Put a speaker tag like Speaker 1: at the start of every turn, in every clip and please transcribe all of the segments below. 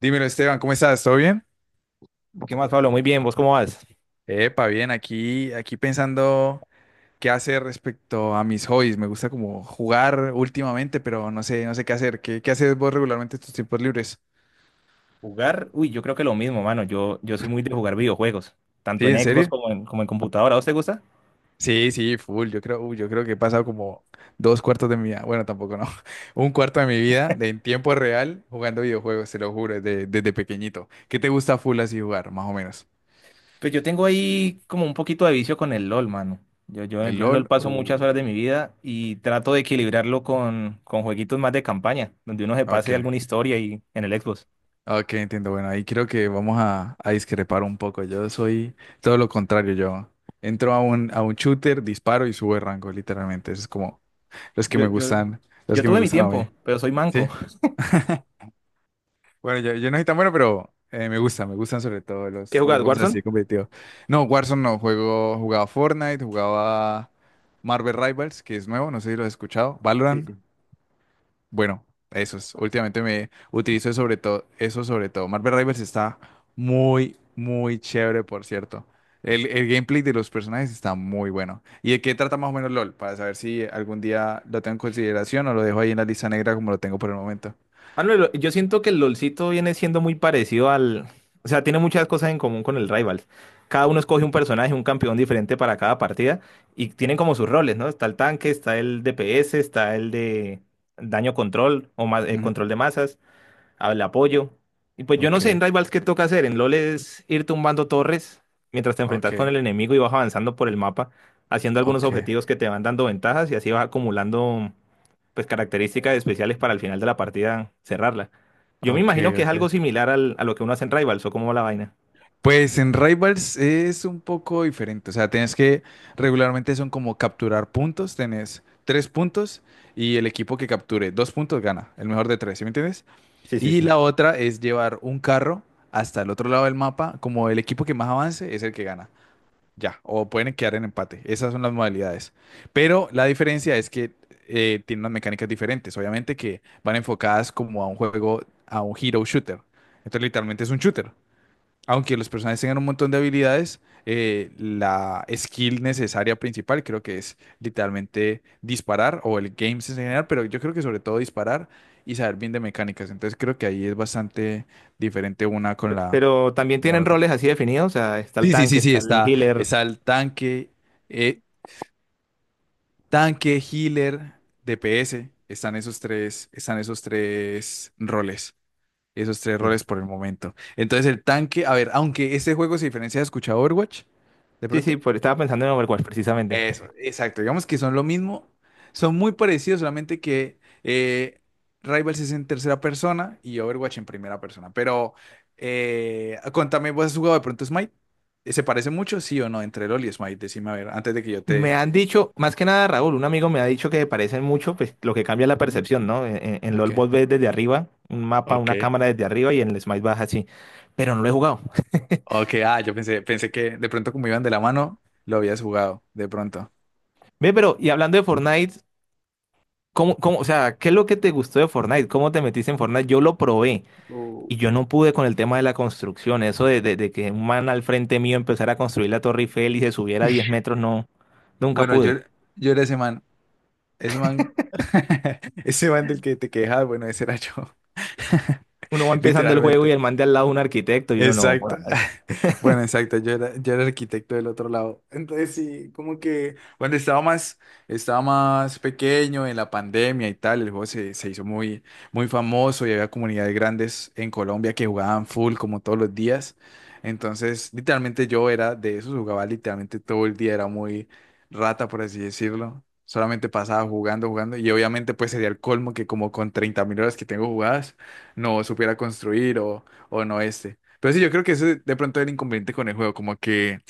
Speaker 1: Dímelo, Esteban, ¿cómo estás? ¿Todo bien?
Speaker 2: ¿Qué más, Pablo? Muy bien, ¿vos cómo vas?
Speaker 1: Epa, bien, aquí pensando qué hacer respecto a mis hobbies. Me gusta como jugar últimamente, pero no sé, no sé qué hacer. ¿Qué haces vos regularmente en tus tiempos libres?
Speaker 2: Jugar, uy, yo creo que lo mismo, mano. Yo soy muy de jugar videojuegos, tanto
Speaker 1: ¿Sí,
Speaker 2: en
Speaker 1: en
Speaker 2: Xbox
Speaker 1: serio?
Speaker 2: como en, como en computadora. ¿A vos te gusta?
Speaker 1: Sí, sí, full. Yo creo que he pasado como dos cuartos de mi vida. Bueno, tampoco no. Un cuarto de mi vida de en tiempo real jugando videojuegos, te lo juro, desde pequeñito. ¿Qué te gusta full así jugar, más o menos?
Speaker 2: Pues yo tengo ahí como un poquito de vicio con el LOL, mano. Yo, yo,
Speaker 1: ¿El
Speaker 2: yo en LOL
Speaker 1: LOL?
Speaker 2: paso muchas
Speaker 1: Uh,
Speaker 2: horas de mi vida y trato de equilibrarlo con jueguitos más de campaña, donde uno se pase
Speaker 1: ok.
Speaker 2: alguna historia y en el Xbox.
Speaker 1: Ok, entiendo. Bueno, ahí creo que vamos a discrepar un poco. Yo soy todo lo contrario. Yo entro a un shooter, disparo y subo de rango, literalmente. Eso es como los que
Speaker 2: Yo,
Speaker 1: me
Speaker 2: yo,
Speaker 1: gustan, los
Speaker 2: yo
Speaker 1: que me
Speaker 2: tuve mi
Speaker 1: gustan a mí.
Speaker 2: tiempo, pero soy manco.
Speaker 1: ¿Sí? Bueno, yo no soy tan bueno, pero me gustan sobre todo
Speaker 2: ¿Qué
Speaker 1: los
Speaker 2: jugás,
Speaker 1: juegos
Speaker 2: Warzone?
Speaker 1: así competitivos. No, Warzone no, jugaba Fortnite, jugaba Marvel Rivals, que es nuevo, no sé si lo has escuchado.
Speaker 2: Sí,
Speaker 1: Valorant.
Speaker 2: sí.
Speaker 1: Bueno, eso es. Últimamente me utilizo sobre todo eso sobre todo. Marvel Rivals está muy, muy chévere, por cierto. El gameplay de los personajes está muy bueno. ¿Y de qué trata más o menos LOL? Para saber si algún día lo tengo en consideración o lo dejo ahí en la lista negra como lo tengo por el momento.
Speaker 2: Ah, no, lo- yo siento que el LOLcito viene siendo muy parecido al... O sea, tiene muchas cosas en común con el Rivals. Cada uno escoge un personaje, un campeón diferente para cada partida y tienen como sus roles, ¿no? Está el tanque, está el DPS, está el de daño
Speaker 1: Ujú.
Speaker 2: control de masas, el apoyo. Y pues yo no sé
Speaker 1: Ok,
Speaker 2: en Rivals qué toca hacer. En LoL es ir tumbando torres mientras te
Speaker 1: ok,
Speaker 2: enfrentas con el enemigo y vas avanzando por el mapa, haciendo algunos
Speaker 1: ok,
Speaker 2: objetivos que te van dando ventajas y así vas acumulando pues características especiales para al final de la partida cerrarla. Yo me
Speaker 1: ok,
Speaker 2: imagino que es
Speaker 1: ok.
Speaker 2: algo similar al- a lo que uno hace en Rivals o como va la vaina.
Speaker 1: Pues en Rivals es un poco diferente, o sea, tienes que, regularmente son como capturar puntos, tenés tres puntos y el equipo que capture dos puntos gana, el mejor de tres, ¿sí me entiendes?
Speaker 2: Sí, sí,
Speaker 1: Y
Speaker 2: sí.
Speaker 1: la otra es llevar un carro hasta el otro lado del mapa, como el equipo que más avance es el que gana, ya, o pueden quedar en empate, esas son las modalidades. Pero la diferencia es que tiene unas mecánicas diferentes, obviamente que van enfocadas como a un juego, a un hero shooter, entonces literalmente es un shooter. Aunque los personajes tengan un montón de habilidades, la skill necesaria principal creo que es literalmente disparar o el game sense en general, pero yo creo que sobre todo disparar y saber bien de mecánicas. Entonces creo que ahí es bastante diferente
Speaker 2: Pero también
Speaker 1: con la
Speaker 2: tienen
Speaker 1: otra.
Speaker 2: roles así definidos, o sea, está el
Speaker 1: Sí, sí,
Speaker 2: tanque,
Speaker 1: sí, sí,
Speaker 2: está el
Speaker 1: está,
Speaker 2: healer.
Speaker 1: está el eh, tanque, healer, DPS, están esos tres roles. Esos tres
Speaker 2: Sí.
Speaker 1: roles por el momento. Entonces el tanque, a ver, aunque este juego se diferencia de escuchado Overwatch, de
Speaker 2: Sí, sí,
Speaker 1: pronto.
Speaker 2: pues estaba pensando en Overwatch precisamente.
Speaker 1: Eso, exacto. Digamos que son lo mismo. Son muy parecidos, solamente que Rivals es en tercera persona y Overwatch en primera persona. Pero contame, ¿vos has jugado de pronto Smite? ¿Se parece mucho, sí o no, entre LoL y Smite? Decime, a ver, antes de que yo
Speaker 2: Me
Speaker 1: te...
Speaker 2: han dicho, más que nada Raúl, un amigo me ha dicho que parecen mucho, pues lo que cambia es la
Speaker 1: Ujú.
Speaker 2: percepción, ¿no? En
Speaker 1: Ok.
Speaker 2: LoL vos ves desde arriba, un mapa,
Speaker 1: Ok.
Speaker 2: una cámara desde arriba y en el Smite vas así. Pero no lo he jugado.
Speaker 1: Ok, ah, yo pensé que de pronto como iban de la mano, lo habías jugado, de pronto.
Speaker 2: Ve, pero, y hablando de Fortnite, o sea, qué es lo que te gustó de Fortnite? ¿Cómo te metiste en Fortnite? Yo lo probé
Speaker 1: Oh.
Speaker 2: y yo no pude con el tema de la construcción. Eso de que un man al frente mío empezara a construir la Torre Eiffel y se subiera a 10 metros, no, nunca
Speaker 1: Bueno, yo,
Speaker 2: pude.
Speaker 1: yo era ese man. Ese man. Ese man del que te quejas, bueno, ese era yo.
Speaker 2: Uno va empezando el juego y
Speaker 1: Literalmente.
Speaker 2: el man de al lado un arquitecto y uno no.
Speaker 1: Exacto.
Speaker 2: Joda.
Speaker 1: Bueno, exacto. Yo era el arquitecto del otro lado. Entonces sí, como que cuando estaba más pequeño en la pandemia y tal, el juego se hizo muy, muy famoso y había comunidades grandes en Colombia que jugaban full como todos los días. Entonces, literalmente yo era de esos, jugaba literalmente todo el día, era muy rata, por así decirlo. Solamente pasaba jugando, jugando. Y obviamente pues sería el colmo que como con 30.000 horas que tengo jugadas, no supiera construir o no este. Pero sí, yo creo que ese de pronto es el inconveniente con el juego,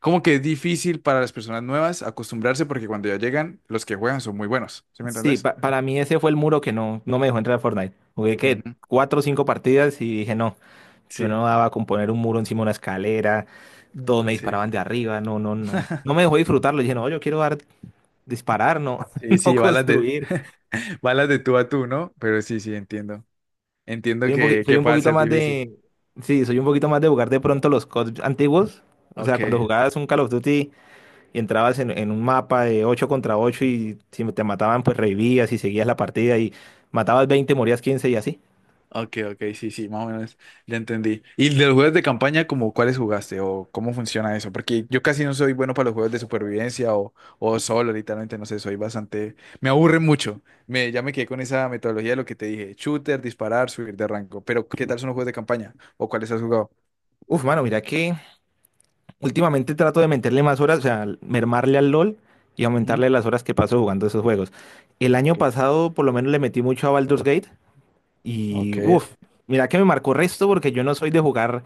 Speaker 1: como que es difícil para las personas nuevas acostumbrarse porque cuando ya llegan, los que juegan son muy buenos, ¿sí me
Speaker 2: Sí,
Speaker 1: entendés?
Speaker 2: para mí ese fue el muro que no, no me dejó entrar a Fortnite. Jugué que
Speaker 1: Ujú,
Speaker 2: cuatro o cinco partidas y dije no, yo
Speaker 1: sí,
Speaker 2: no daba con poner un muro encima de una escalera, todos
Speaker 1: no,
Speaker 2: me
Speaker 1: sí.
Speaker 2: disparaban de arriba, no, no, no. No me dejó disfrutarlo. Dije no, yo quiero dar, disparar, no,
Speaker 1: Sí,
Speaker 2: no
Speaker 1: sí, balas de,
Speaker 2: construir.
Speaker 1: balas de tú a tú, ¿no? Pero sí, sí, entiendo. Entiendo que,
Speaker 2: Soy
Speaker 1: que
Speaker 2: un
Speaker 1: pueda
Speaker 2: poquito
Speaker 1: ser
Speaker 2: más
Speaker 1: difícil.
Speaker 2: de. Sí, soy un poquito más de jugar de pronto los COD antiguos. O sea, cuando
Speaker 1: Ok.
Speaker 2: jugabas un Call of Duty y entrabas en un mapa de 8 contra 8 y si te mataban, pues revivías y seguías la partida y matabas 20 morías 15 y así.
Speaker 1: Ok, ok, sí, sí, más o menos ya entendí. ¿Y de los juegos de campaña, como cuáles jugaste o cómo funciona eso? Porque yo casi no soy bueno para los juegos de supervivencia o solo, literalmente, no sé, soy bastante... Me aburre mucho. Ya me quedé con esa metodología de lo que te dije, shooter, disparar, subir de rango. Pero, ¿qué tal son los juegos de campaña? ¿O cuáles has jugado?
Speaker 2: Uf, mano, mira que últimamente trato de meterle más horas, o sea, mermarle al LOL y
Speaker 1: Ujú,
Speaker 2: aumentarle las horas que paso jugando esos juegos. El año
Speaker 1: ok,
Speaker 2: pasado, por lo menos, le metí mucho a Baldur's Gate y,
Speaker 1: ok.
Speaker 2: uf, mira que me marcó resto porque yo no soy de jugar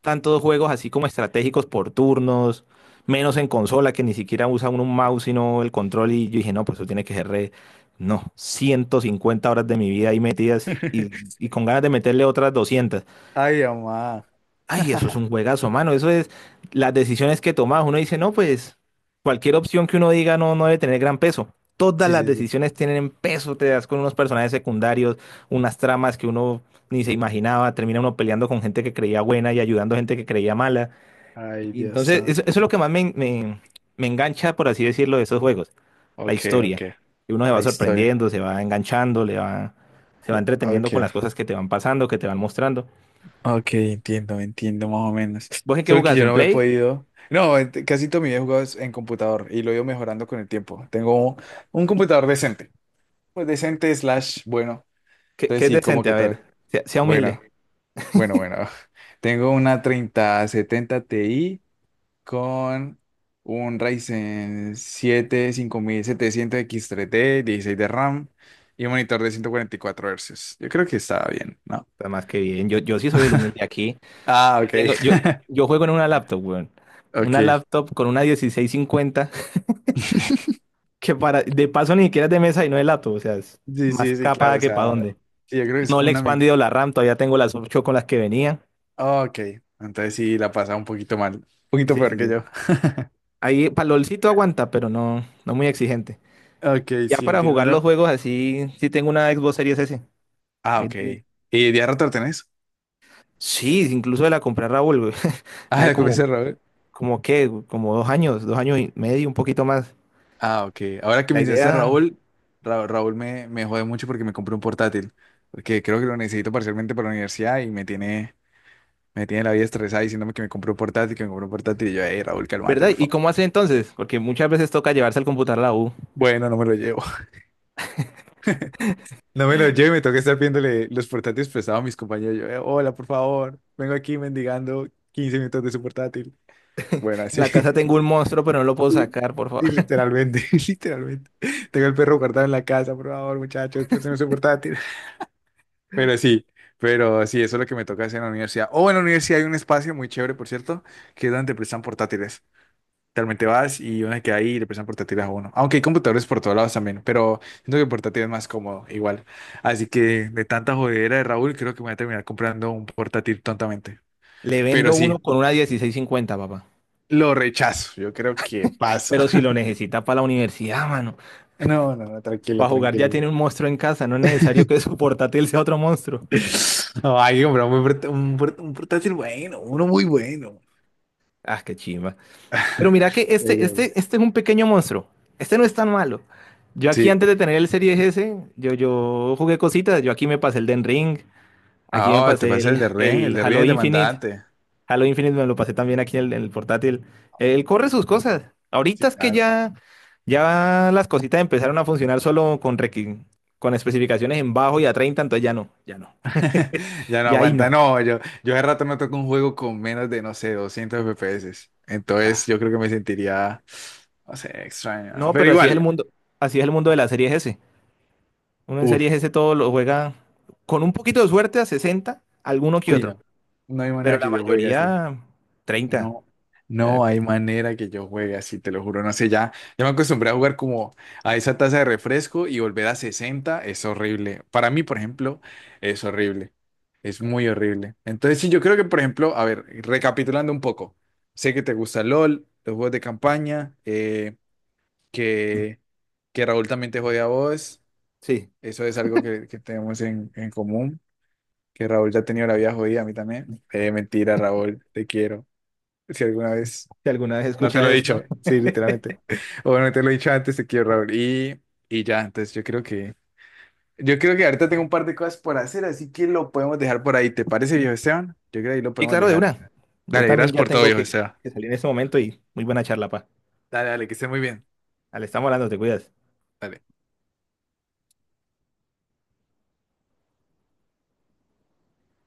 Speaker 2: tantos juegos así como estratégicos por turnos, menos en consola que ni siquiera usa uno un mouse sino el control y yo dije, no, pues eso tiene que ser re... No, 150 horas de mi vida ahí metidas y con ganas de meterle otras 200.
Speaker 1: Ay, mamá.
Speaker 2: Ay, eso es un juegazo, mano. Eso es las decisiones que tomas. Uno dice, no, pues cualquier opción que uno diga no, no debe tener gran peso. Todas
Speaker 1: Sí,
Speaker 2: las
Speaker 1: sí, sí.
Speaker 2: decisiones tienen peso. Te das con unos personajes secundarios, unas tramas que uno ni se imaginaba. Termina uno peleando con gente que creía buena y ayudando a gente que creía mala.
Speaker 1: Ay,
Speaker 2: Y
Speaker 1: Dios
Speaker 2: entonces, eso
Speaker 1: santo.
Speaker 2: es lo que más me engancha, por así decirlo, de esos juegos, la
Speaker 1: Ok,
Speaker 2: historia.
Speaker 1: ok.
Speaker 2: Y uno se va
Speaker 1: La historia.
Speaker 2: sorprendiendo, se va enganchando, le va, se va entreteniendo
Speaker 1: Ok.
Speaker 2: con las cosas que te van pasando, que te van mostrando.
Speaker 1: Ok, entiendo, entiendo más o menos.
Speaker 2: ¿Vos en qué
Speaker 1: Solo que
Speaker 2: jugás?
Speaker 1: yo
Speaker 2: ¿En
Speaker 1: no me he
Speaker 2: Play?
Speaker 1: podido. No, casi todo mi vida he jugado es en computador y lo he ido mejorando con el tiempo. Tengo un computador decente. Pues decente slash bueno.
Speaker 2: ¿Qué,
Speaker 1: Entonces
Speaker 2: qué es
Speaker 1: sí, como
Speaker 2: decente?
Speaker 1: que
Speaker 2: A
Speaker 1: tal.
Speaker 2: ver, sea, sea humilde.
Speaker 1: Bueno, bueno, bueno. Tengo una 3070 Ti con un Ryzen 7 5700X3D, 16 de RAM y un monitor de 144 Hz. Yo creo que estaba bien, ¿no?
Speaker 2: Está más que bien. Yo sí soy el humilde aquí.
Speaker 1: Ah,
Speaker 2: Yo
Speaker 1: ok,
Speaker 2: tengo, yo, yo juego en una laptop, weón. Una
Speaker 1: ok.
Speaker 2: laptop con una 1650, que para, de paso ni siquiera es de mesa y no es laptop, o sea, es
Speaker 1: Sí,
Speaker 2: más
Speaker 1: sí, sí,
Speaker 2: capada
Speaker 1: claro, o
Speaker 2: que para
Speaker 1: sea,
Speaker 2: dónde.
Speaker 1: sí, yo creo que es
Speaker 2: No
Speaker 1: como
Speaker 2: le he
Speaker 1: una...
Speaker 2: expandido la RAM, todavía tengo las 8 con las que venía.
Speaker 1: oh, ok, entonces sí, la pasaba un poquito mal, un poquito
Speaker 2: Sí,
Speaker 1: peor
Speaker 2: sí,
Speaker 1: que yo.
Speaker 2: sí. Ahí para palolcito aguanta, pero no, no muy exigente.
Speaker 1: Ok,
Speaker 2: Ya
Speaker 1: sí,
Speaker 2: para jugar los
Speaker 1: entiendo.
Speaker 2: juegos así, sí tengo una Xbox Series S.
Speaker 1: Ah,
Speaker 2: Ahí
Speaker 1: ok.
Speaker 2: donde-
Speaker 1: ¿Y de rato lo tenés?
Speaker 2: Sí, incluso de la compré a Raúl, güey.
Speaker 1: Ah,
Speaker 2: Hace
Speaker 1: la
Speaker 2: como,
Speaker 1: comencé, Raúl.
Speaker 2: como qué, güey, como 2 años, 2 años y medio, un poquito más.
Speaker 1: Ah, ok. Ahora que
Speaker 2: La
Speaker 1: me dices
Speaker 2: idea,
Speaker 1: Raúl, Raúl me jode mucho porque me compré un portátil, porque creo que lo necesito parcialmente para la universidad y me tiene la vida estresada diciéndome que me compré un portátil, que me compré un portátil y yo, hey, Raúl, cálmate,
Speaker 2: ¿verdad?
Speaker 1: por
Speaker 2: ¿Y
Speaker 1: favor.
Speaker 2: cómo hace entonces? Porque muchas veces toca llevarse el computador a la U.
Speaker 1: Bueno, no me lo llevo. No me lo llevo y me toca estar viéndole los portátiles prestados a mis compañeros. Yo, hola, por favor, vengo aquí mendigando 15 minutos de su portátil". Bueno,
Speaker 2: En
Speaker 1: así.
Speaker 2: la casa tengo un monstruo, pero no lo puedo
Speaker 1: Sí,
Speaker 2: sacar, por favor.
Speaker 1: sí, literalmente, literalmente. Tengo el perro guardado en la casa, por favor, muchachos, préstame su portátil. Pero sí, pero sí, eso es lo que me toca hacer en la universidad. O en la universidad hay un espacio muy chévere, por cierto, que es donde prestan portátiles. Realmente vas y uno se queda ahí y le prestan portátiles a uno. Aunque hay computadores por todos lados también, pero siento que el portátil es más cómodo, igual. Así que de tanta jodedera de Raúl, creo que me voy a terminar comprando un portátil tontamente.
Speaker 2: Le
Speaker 1: Pero
Speaker 2: vendo uno
Speaker 1: sí,
Speaker 2: con una 1650, papá.
Speaker 1: lo rechazo. Yo creo que paso.
Speaker 2: Pero si lo necesita para la universidad, mano.
Speaker 1: No, no, no, tranquilo,
Speaker 2: Para jugar ya
Speaker 1: tranquilo.
Speaker 2: tiene un monstruo en casa, no es necesario que su portátil sea otro monstruo.
Speaker 1: No, hay que comprar un, buen port- un portátil bueno, uno muy bueno.
Speaker 2: Ah, qué chimba. Pero mira que
Speaker 1: Oiga.
Speaker 2: este es un pequeño monstruo. Este no es tan malo. Yo aquí
Speaker 1: Sí.
Speaker 2: antes de tener el Series S, yo jugué cositas. Yo aquí me pasé el Den Ring, aquí me
Speaker 1: Ah, te
Speaker 2: pasé
Speaker 1: pasa el
Speaker 2: el
Speaker 1: de Ren
Speaker 2: Halo
Speaker 1: es
Speaker 2: Infinite.
Speaker 1: demandante.
Speaker 2: Halo Infinite me lo pasé también aquí en el portátil. Él corre sus cosas.
Speaker 1: Sí,
Speaker 2: Ahorita es que
Speaker 1: claro.
Speaker 2: ya, ya las cositas empezaron a funcionar solo con especificaciones en bajo y a 30, entonces ya no, ya no,
Speaker 1: Ya no
Speaker 2: ya ahí
Speaker 1: aguanta,
Speaker 2: no.
Speaker 1: no, yo hace rato no toco un juego con menos de, no sé, 200 FPS,
Speaker 2: Nah.
Speaker 1: entonces yo creo que me sentiría, no sé, extraño,
Speaker 2: No,
Speaker 1: pero
Speaker 2: pero así es el
Speaker 1: igual,
Speaker 2: mundo, así es el mundo de las series S. Uno en series
Speaker 1: uff,
Speaker 2: S todo lo juega con un poquito de suerte a 60, alguno que
Speaker 1: uy,
Speaker 2: otro,
Speaker 1: no, no hay
Speaker 2: pero
Speaker 1: manera
Speaker 2: la
Speaker 1: que yo juegue así.
Speaker 2: mayoría 30.
Speaker 1: No,
Speaker 2: Ya,
Speaker 1: no hay manera que yo juegue así, te lo juro. No sé, ya me acostumbré a jugar como a esa taza de refresco y volver a 60 es horrible. Para mí, por ejemplo, es horrible. Es muy horrible. Entonces, sí, yo creo que, por ejemplo, a ver, recapitulando un poco, sé que te gusta LOL, los juegos de campaña, que, que Raúl también te jode a vos.
Speaker 2: sí,
Speaker 1: Eso es algo que tenemos en común. Que Raúl ya ha tenido la vida jodida, a mí también. Mentira, Raúl, te quiero. Si alguna vez.
Speaker 2: si alguna vez
Speaker 1: No te
Speaker 2: escuchas
Speaker 1: lo he
Speaker 2: esto.
Speaker 1: dicho, sí, literalmente. O bueno, te lo he dicho antes, te quiero, Raúl. Y ya, entonces yo creo que ahorita tengo un par de cosas por hacer, así que lo podemos dejar por ahí. ¿Te parece, viejo Esteban? Yo creo que ahí lo
Speaker 2: Y
Speaker 1: podemos
Speaker 2: claro, de
Speaker 1: dejar.
Speaker 2: una. Yo
Speaker 1: Dale,
Speaker 2: también
Speaker 1: gracias
Speaker 2: ya
Speaker 1: por todo,
Speaker 2: tengo
Speaker 1: viejo Esteban.
Speaker 2: que salir en este momento y muy buena charla, pa.
Speaker 1: Dale, dale, que esté muy bien.
Speaker 2: Ale, estamos hablando, te cuidas.
Speaker 1: Dale.